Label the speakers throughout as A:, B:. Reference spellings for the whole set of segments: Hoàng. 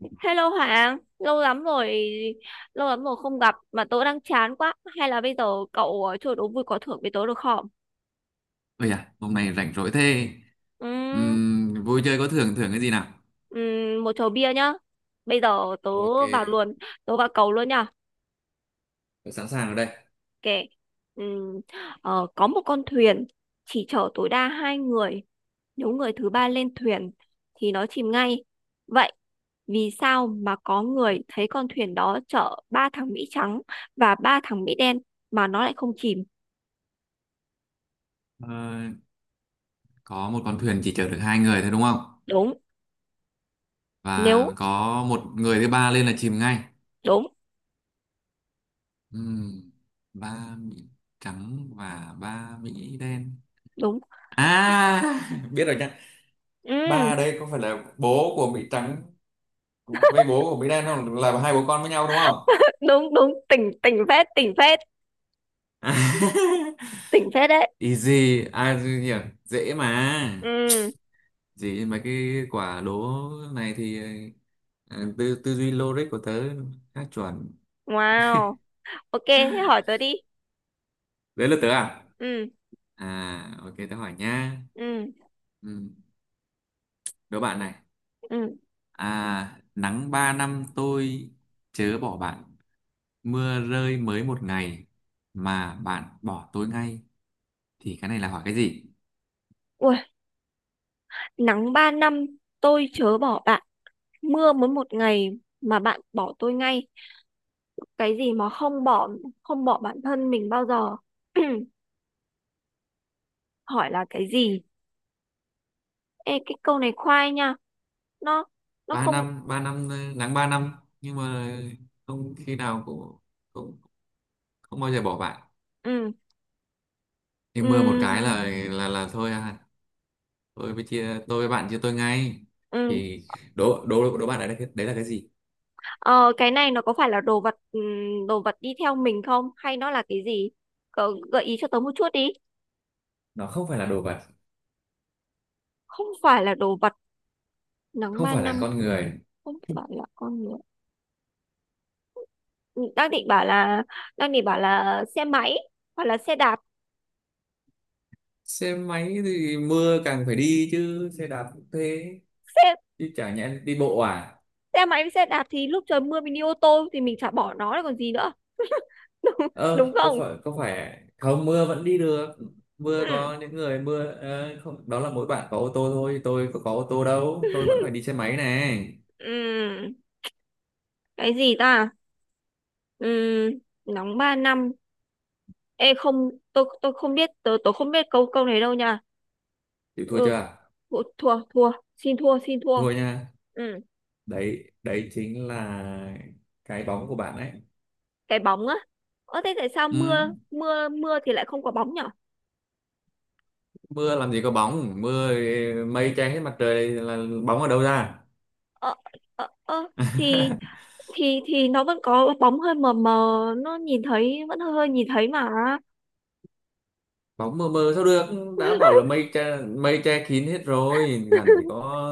A: Hello Hoàng, lâu lắm rồi không gặp mà tớ đang chán quá. Hay là bây giờ cậu chơi đố vui có thưởng với tớ được không?
B: Ôi à, hôm nay rảnh rỗi thế.
A: Ừm.
B: Vui chơi có thưởng, thưởng cái gì nào?
A: Một chầu bia nhá. Bây giờ tớ
B: Ok,
A: vào luôn, vào cầu luôn nhá.
B: tôi sẵn sàng ở đây.
A: Ok. Ừm, có một con thuyền chỉ chở tối đa hai người. Nếu người thứ ba lên thuyền thì nó chìm ngay. Vậy vì sao mà có người thấy con thuyền đó chở ba thằng Mỹ trắng và ba thằng Mỹ đen mà nó lại không chìm?
B: Ờ, có một con thuyền chỉ chở được hai người thôi đúng không?
A: Đúng.
B: Và
A: nếu
B: có một người thứ ba lên là chìm ngay.
A: đúng
B: Ừm, ba Mỹ trắng và ba Mỹ đen.
A: đúng
B: À, biết rồi nha. Ba
A: ừ,
B: đây có phải là bố của Mỹ trắng với bố của Mỹ đen không? Là hai bố con với nhau đúng không?
A: đúng đúng tỉnh tỉnh phết tỉnh phết tỉnh phết đấy,
B: Easy, ai hiểu, dễ mà.
A: ừ,
B: Gì mấy cái quả đố này thì tư tư duy logic của tớ khá chuẩn.
A: wow, ok, thế hỏi tớ đi.
B: Đấy là tớ à?
A: Ừ,
B: À ok tớ hỏi nha.
A: ừ,
B: Ừ, đố bạn này.
A: ừ,
B: À, nắng ba năm tôi chớ bỏ bạn, mưa rơi mới một ngày mà bạn bỏ tôi ngay, thì cái này là hỏi cái gì?
A: ui, nắng 3 năm tôi chớ bỏ bạn, mưa mới một ngày mà bạn bỏ tôi ngay, cái gì mà không bỏ, không bỏ bản thân mình bao giờ. Hỏi là cái gì? Ê, cái câu này khoai nha, nó nó
B: ba
A: không
B: năm ba năm nắng ba năm, nhưng mà không khi nào cũng cũng không bao giờ bỏ bạn,
A: Ừ,
B: thì mưa một cái
A: ừ,
B: là là thôi à? Tôi với bạn chia tôi ngay,
A: ừ.
B: thì đố đố đố bạn đấy là đấy là cái gì?
A: Ờ, cái này nó có phải là đồ vật, đồ vật đi theo mình không, hay nó là cái gì? Cậu gợi ý cho tớ một chút đi.
B: Nó không phải là đồ vật,
A: Không phải là đồ vật. Nắng
B: không
A: 3
B: phải là
A: năm,
B: con người.
A: không phải là con người. Ừ, đang định bảo là xe máy hoặc là xe đạp.
B: Xe máy thì mưa càng phải đi chứ, xe đạp cũng thế,
A: Xe
B: chứ chả nhẽ đi bộ à?
A: xe máy với xe đạp thì lúc trời mưa mình đi ô tô thì mình chả bỏ nó rồi còn gì nữa. Đúng, đúng
B: Ơ có
A: không?
B: phải không, mưa vẫn đi được.
A: Ừ,
B: Mưa có những người mưa không, đó là mỗi bạn có ô tô thôi, tôi có ô tô đâu, tôi vẫn phải đi xe máy này.
A: ừ. Cái gì ta? Ừ, nóng 3 năm. Ê không, tôi không biết, tôi không biết câu câu này đâu nha.
B: Chịu thua
A: Ừ.
B: chưa?
A: Ủa, thua, thua, xin thua, xin thua.
B: Thua nha.
A: Ừ,
B: Đấy đấy chính là cái bóng của bạn ấy.
A: cái bóng á? Ơ thế tại sao
B: Ừ,
A: mưa mưa mưa thì lại không có bóng nhở?
B: mưa làm gì có bóng, mưa mây che hết mặt trời là bóng ở đâu ra?
A: Ờ, ờ, ờ, thì thì nó vẫn có bóng hơi mờ mờ, nó nhìn thấy vẫn hơi hơi nhìn thấy mà.
B: Bóng mờ mờ sao được, đã bảo là mây che kín hết rồi làm gì có.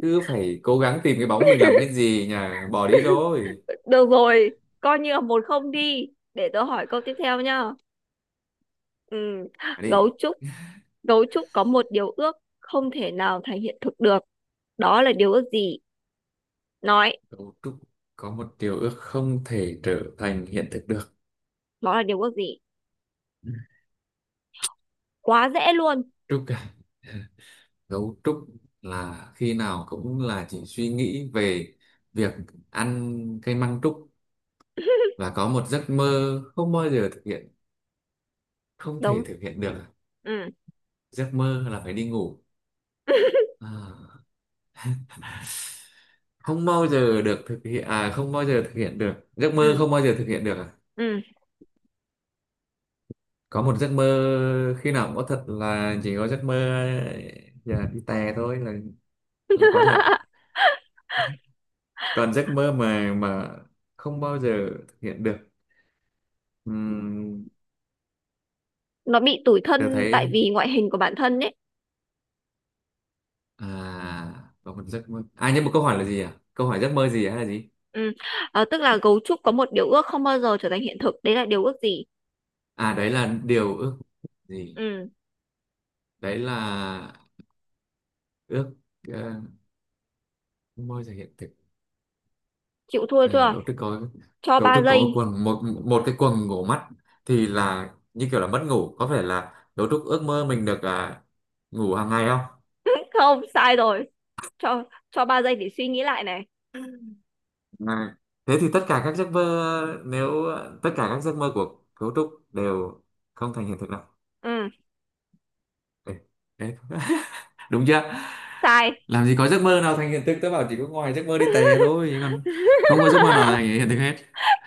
B: Cứ phải cố gắng tìm cái bóng mình làm cái gì nhỉ, bỏ đi rồi.
A: Được rồi, coi như là một không đi, để tớ hỏi câu tiếp theo nhá. Ừ,
B: À đi.
A: gấu trúc gấu trúc có một điều ước không thể nào thành hiện thực được, đó là điều ước gì? Nói
B: Cậu Trúc có một điều ước không thể trở thành hiện thực được.
A: đó là điều ước gì. Quá dễ luôn.
B: Trúc à, gấu trúc là khi nào cũng là chỉ suy nghĩ về việc ăn cây măng trúc, và có một giấc mơ không bao giờ thực hiện, không thể
A: Đúng.
B: thực hiện được à?
A: Ừ.
B: Giấc mơ là phải đi ngủ. À, không bao giờ được thực hiện à, không bao giờ thực hiện được, giấc
A: Ừ,
B: mơ không bao giờ thực hiện được à?
A: ừ.
B: Có một giấc mơ khi nào cũng có thật, là chỉ có giấc mơ giờ đi tè thôi là có thật, còn giấc mơ mà không bao giờ thực hiện được. uhm,
A: Nó bị tủi
B: tôi
A: thân tại
B: thấy
A: vì ngoại hình của bản thân ấy.
B: à có một giấc mơ à, nhưng mà câu hỏi là gì, à câu hỏi giấc mơ gì hay là gì?
A: Ừ. Ờ, tức là gấu trúc có một điều ước không bao giờ trở thành hiện thực, đấy là điều ước gì?
B: À đấy là điều ước gì.
A: Ừ,
B: Đấy là ước ờ, môi thể hiện thực.
A: chịu thua
B: À,
A: chưa?
B: cấu trúc có,
A: Cho
B: cấu
A: ba
B: trúc có
A: giây
B: quần một một cái quần ngủ mắt thì là như kiểu là mất ngủ, có phải là cấu trúc ước mơ mình được ngủ hàng ngày không?
A: Không, sai rồi. cho cho 3 giây để suy nghĩ lại này.
B: À, thế thì tất cả các giấc mơ nếu tất cả các giấc mơ của cấu trúc đều không thành hiện thực nào.
A: Ừ,
B: Ê, ê. Đúng chưa?
A: sai.
B: Làm gì có giấc mơ nào thành hiện thực, tớ bảo chỉ có ngoài giấc mơ đi tè thôi chứ còn không có giấc mơ nào thành hiện thực hết.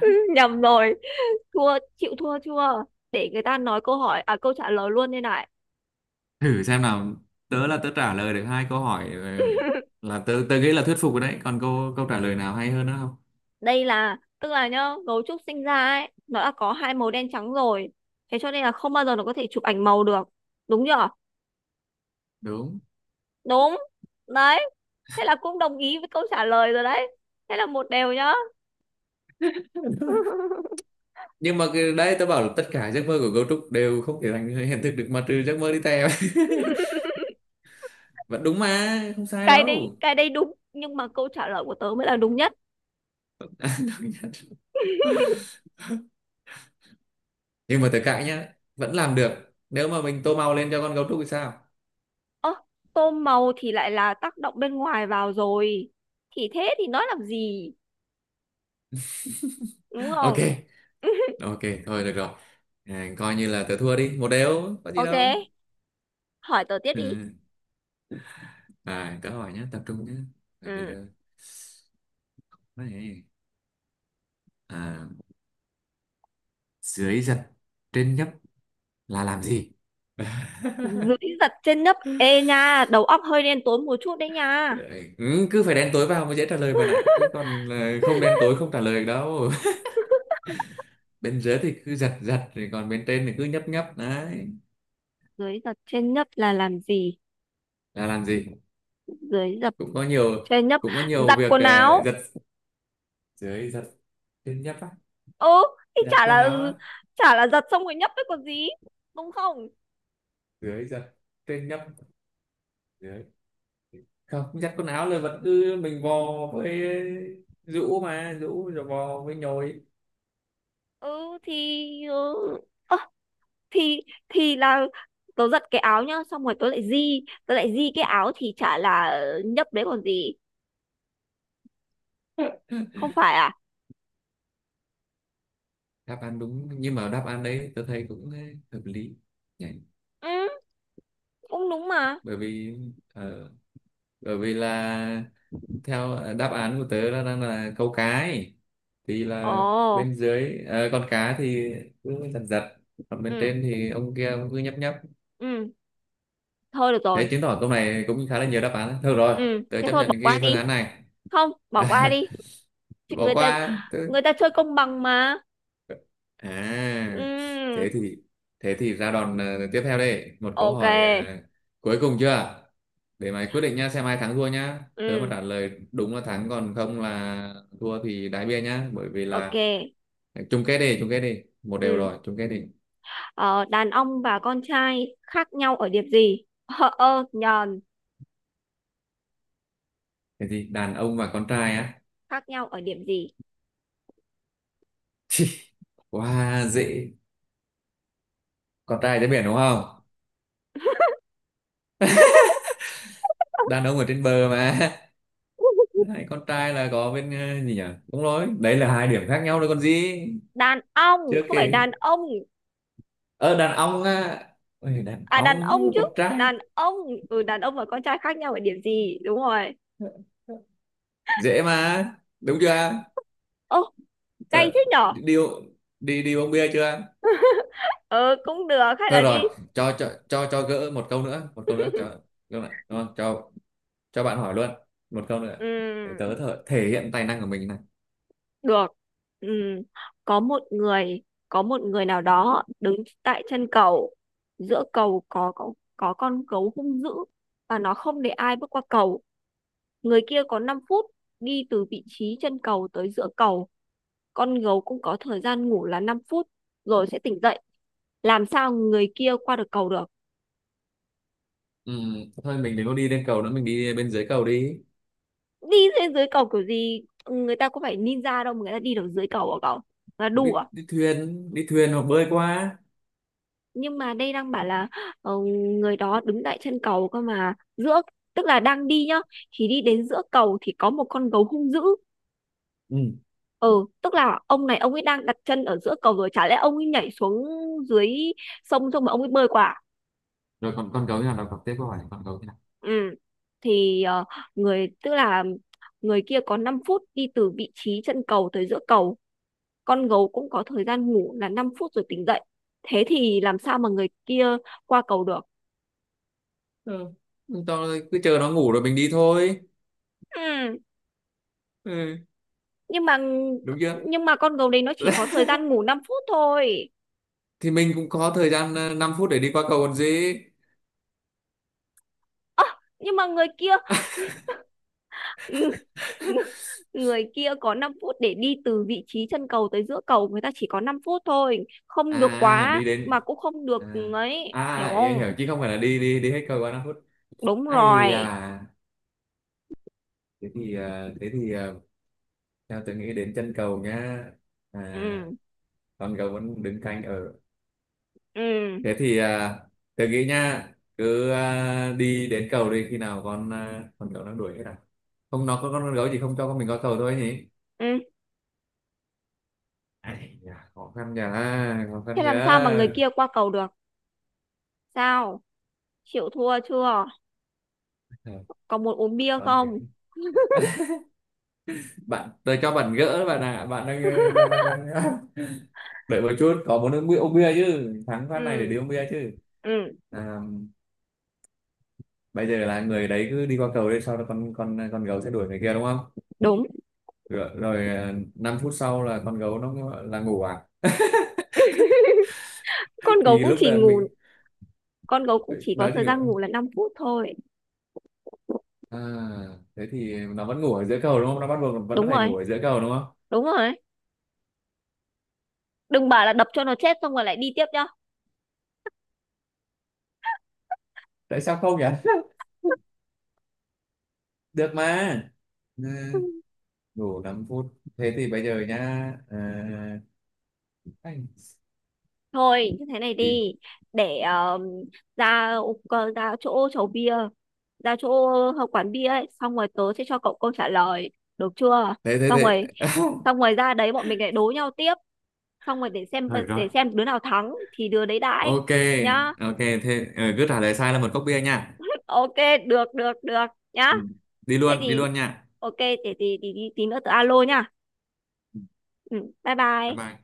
A: Ừ, nhầm rồi. Thua, chịu thua chưa? Để người ta nói câu hỏi, à, câu trả lời luôn đây này.
B: Thử xem nào, tớ trả lời được hai câu hỏi là tớ tớ nghĩ là thuyết phục rồi đấy, còn câu câu trả lời nào hay hơn nữa không?
A: Đây là, tức là nhá, gấu trúc sinh ra ấy nó đã có hai màu đen trắng rồi, thế cho nên là không bao giờ nó có thể chụp ảnh màu được, đúng chưa?
B: Đúng,
A: Đúng. Đấy, thế là cũng đồng ý với câu trả lời rồi đấy, thế là một đều nhá.
B: nhưng mà cái đấy tớ bảo là tất cả giấc mơ của cấu trúc đều không thể thành hiện thực được, mà trừ giấc mơ đi theo. Vẫn đúng mà không sai
A: cái đấy
B: đâu.
A: cái đấy đúng, nhưng mà câu trả lời của tớ mới là đúng nhất.
B: Nhưng mà tớ cãi nhá, vẫn làm được nếu mà mình tô màu lên cho con gấu trúc thì sao?
A: Ơ, tôm màu thì lại là tác động bên ngoài vào rồi, thì thế thì nói làm gì, đúng không?
B: Ok. Ok, thôi được rồi. À, coi như là tớ thua đi, một đều có gì
A: Ok,
B: đâu.
A: hỏi tớ tiếp đi.
B: Ừ. À tớ hỏi nhá, tập trung nhá, bởi vì
A: Ừ.
B: là đấy. À, dưới giật trên nhấp là làm gì?
A: Dưới giật trên nấc, ê nha, đầu óc hơi đen tối một chút đấy nha.
B: Ừ, cứ phải đen tối vào mới dễ trả lời bạn ạ, chứ còn không đen tối không trả lời được đâu. Bên dưới thì cứ giật giật, rồi còn bên trên thì cứ nhấp nhấp đấy,
A: Dưới giật trên nấc là làm gì?
B: là làm gì?
A: Dưới giật
B: Cũng có nhiều,
A: trên nấc,
B: cũng có nhiều
A: giặt
B: việc
A: quần áo.
B: giật. Dưới giật trên nhấp á,
A: Ừ, thì
B: giặt
A: chả
B: quần
A: là
B: áo
A: ừ,
B: á,
A: chả là giặt xong rồi nhấp đấy còn gì, đúng không?
B: dưới giặt trên nhấp, dưới không giặt quần áo là vẫn cứ mình vò với rũ, mà rũ rồi vò với nhồi.
A: Ừ, thì, ơ, thì là tớ giặt cái áo nhá xong rồi tớ lại di cái áo thì chả là nhấp đấy còn gì, không phải à?
B: Đáp án đúng, nhưng mà đáp án đấy tôi thấy cũng hợp lý nhỉ,
A: Ừ, cũng đúng mà.
B: bởi vì ờ, bởi vì là theo đáp án của tớ là đang là câu cá ấy. Thì là
A: Ồ.
B: bên dưới con cá thì cứ giật giật, còn bên
A: Ừ,
B: trên thì ông kia ông cứ nhấp nhấp.
A: ừ, thôi được rồi.
B: Thế chứng tỏ câu này cũng khá là nhiều đáp án thôi rồi,
A: Ừ,
B: tớ
A: thế
B: chấp
A: thôi
B: nhận
A: bỏ qua
B: cái phương
A: đi,
B: án này.
A: không bỏ qua đi. Chị-
B: Bỏ
A: người ta
B: qua.
A: người ta chơi công bằng mà.
B: À, thế
A: Ừ,
B: thì, thế thì ra đòn tiếp theo đây, một câu
A: ok.
B: hỏi cuối cùng chưa? Để mày quyết định nhá, xem ai thắng thua nhá. Tớ mà
A: Ừ,
B: trả lời đúng là thắng, còn không là thua thì đái bia nhá, bởi vì
A: ok.
B: là à, chung kết đi, một đều
A: Ừ.
B: rồi, chung kết đi.
A: Ờ, đàn ông và con trai khác nhau ở điểm gì? Nhờn,
B: Thế thì đàn ông và con trai á.
A: khác nhau ở điểm gì?
B: Quá dễ. Con trai trên biển đúng không? Đàn ông ở trên bờ mà. Đấy, con trai là có bên gì nhỉ? Đúng rồi, đấy là hai điểm khác nhau đấy còn gì.
A: Đàn ông,
B: Chưa
A: không phải
B: kể
A: đàn ông.
B: ờ đàn ông á. Ôi, đàn
A: À, đàn
B: ông
A: ông
B: với
A: chứ.
B: con trai
A: Đàn ông. Ừ, đàn ông và con trai khác nhau ở điểm gì? Đúng rồi.
B: dễ mà, đúng chưa?
A: Ô, cay
B: Thôi,
A: thế nhở?
B: đi đi đi uống bia chưa?
A: Ờ, cũng được, hay
B: Thôi
A: là
B: rồi,
A: đi.
B: cho gỡ một câu nữa, một câu nữa, cho câu này đúng không? Cho bạn hỏi luôn một câu nữa,
A: Ừ,
B: để tớ thể hiện tài năng của mình này.
A: được. Ừ, có một người, có một người nào đó đứng tại chân cầu. Giữa cầu có con gấu hung dữ. Và nó không để ai bước qua cầu. Người kia có 5 phút đi từ vị trí chân cầu tới giữa cầu. Con gấu cũng có thời gian ngủ là 5 phút rồi sẽ tỉnh dậy. Làm sao người kia qua được cầu được?
B: Ừm, thôi mình đừng có đi lên cầu nữa, mình đi bên dưới cầu đi.
A: Đi lên dưới cầu kiểu gì? Người ta có phải ninja đâu mà người ta đi được dưới cầu hả cậu? Là
B: Đi,
A: đủ à?
B: đi thuyền hoặc bơi qua.
A: Nhưng mà đây đang bảo là, ờ, người đó đứng tại chân cầu cơ mà giữa, tức là đang đi nhá, thì đi đến giữa cầu thì có một con gấu hung dữ.
B: Ừ.
A: Ừ, tức là ông này, ông ấy đang đặt chân ở giữa cầu rồi, chả lẽ ông ấy nhảy xuống dưới sông xong mà ông ấy bơi qua à?
B: Rồi còn con gấu thế nào, đọc tiếp câu hỏi con gấu thế nào.
A: Ừ. Thì, ờ, người tức là người kia có 5 phút đi từ vị trí chân cầu tới giữa cầu, con gấu cũng có thời gian ngủ là 5 phút rồi tỉnh dậy. Thế thì làm sao mà người kia qua cầu được?
B: Ừ. Tao cứ chờ nó ngủ rồi mình đi thôi.
A: Ừ.
B: Ừ.
A: Nhưng mà,
B: Đúng chưa?
A: nhưng mà con gấu đấy nó chỉ có thời gian ngủ 5 phút thôi.
B: Thì mình cũng có thời gian 5 phút để đi qua cầu còn gì.
A: Ơ, nhưng mà người kia người kia có 5 phút để đi từ vị trí chân cầu tới giữa cầu, người ta chỉ có 5 phút thôi, không được
B: À
A: quá
B: đi
A: mà
B: đến,
A: cũng không được
B: à,
A: ấy, hiểu
B: à em
A: không?
B: hiểu, chứ không phải là đi đi đi hết cầu qua 5 phút.
A: Đúng
B: Ai
A: rồi.
B: à, thế thì thế thì theo tôi nghĩ đến chân cầu nhá. À,
A: Ừ,
B: con cầu vẫn đứng canh ở,
A: ừ,
B: thế thì à, tôi nghĩ nha, cứ à, đi đến cầu đi, khi nào con à, con gấu đang đuổi hết à, không nó có, con gấu chỉ không cho con mình qua cầu thôi nhỉ.
A: ừ,
B: Ai da, khó khăn nhờ, khó
A: thế
B: khăn nhờ.
A: làm sao mà người kia qua cầu được? Sao, chịu thua chưa?
B: Ờ,
A: Có muốn uống bia
B: con phải,
A: không?
B: bạn tôi cho bạn gỡ bạn ạ, bạn đang đang đợi một chút, có muốn uống bia, uống bia chứ, thắng phát này để
A: Ừ,
B: đi uống bia chứ.
A: ừ,
B: À, bây giờ là người đấy cứ đi qua cầu đây, sau đó con gấu sẽ đuổi người kia đúng không?
A: đúng.
B: Rồi, rồi à, 5 phút sau là con gấu nó là ngủ à,
A: con gấu
B: thì
A: cũng
B: lúc
A: chỉ
B: đấy
A: ngủ
B: mình
A: con gấu cũng chỉ có
B: nói chỉ
A: thời
B: ngựa.
A: gian ngủ là 5 phút thôi.
B: À thế thì nó vẫn ngủ ở giữa cầu đúng không, nó bắt buộc vẫn
A: Đúng
B: phải ngủ
A: rồi,
B: ở giữa cầu đúng không?
A: đúng rồi đấy. Đừng bảo là đập cho nó chết xong rồi lại đi tiếp nhá.
B: Tại sao không nhỉ? Được mà. Ừ, ngủ 5 phút, thế thì bây giờ nhá, à, anh,
A: Thôi như thế này đi, để, ra ra chỗ chầu bia, ra chỗ quán bia ấy, xong rồi tớ sẽ cho cậu câu trả lời, được chưa?
B: thế thế
A: Xong rồi,
B: thế.
A: xong rồi ra đấy bọn mình lại đố nhau tiếp, xong rồi để xem
B: Thôi được rồi,
A: để xem đứa nào thắng thì đứa đấy đãi
B: ok.
A: nhá.
B: Ok thế cứ trả lời sai là một cốc bia nha.
A: Ok, được được được, nhá.
B: Ừ. Đi
A: Thế
B: luôn đi
A: thì,
B: luôn nha.
A: ok, để thì tí nữa tớ alo nhá.
B: Ừ,
A: Ừ, bye
B: bye
A: bye.
B: bye.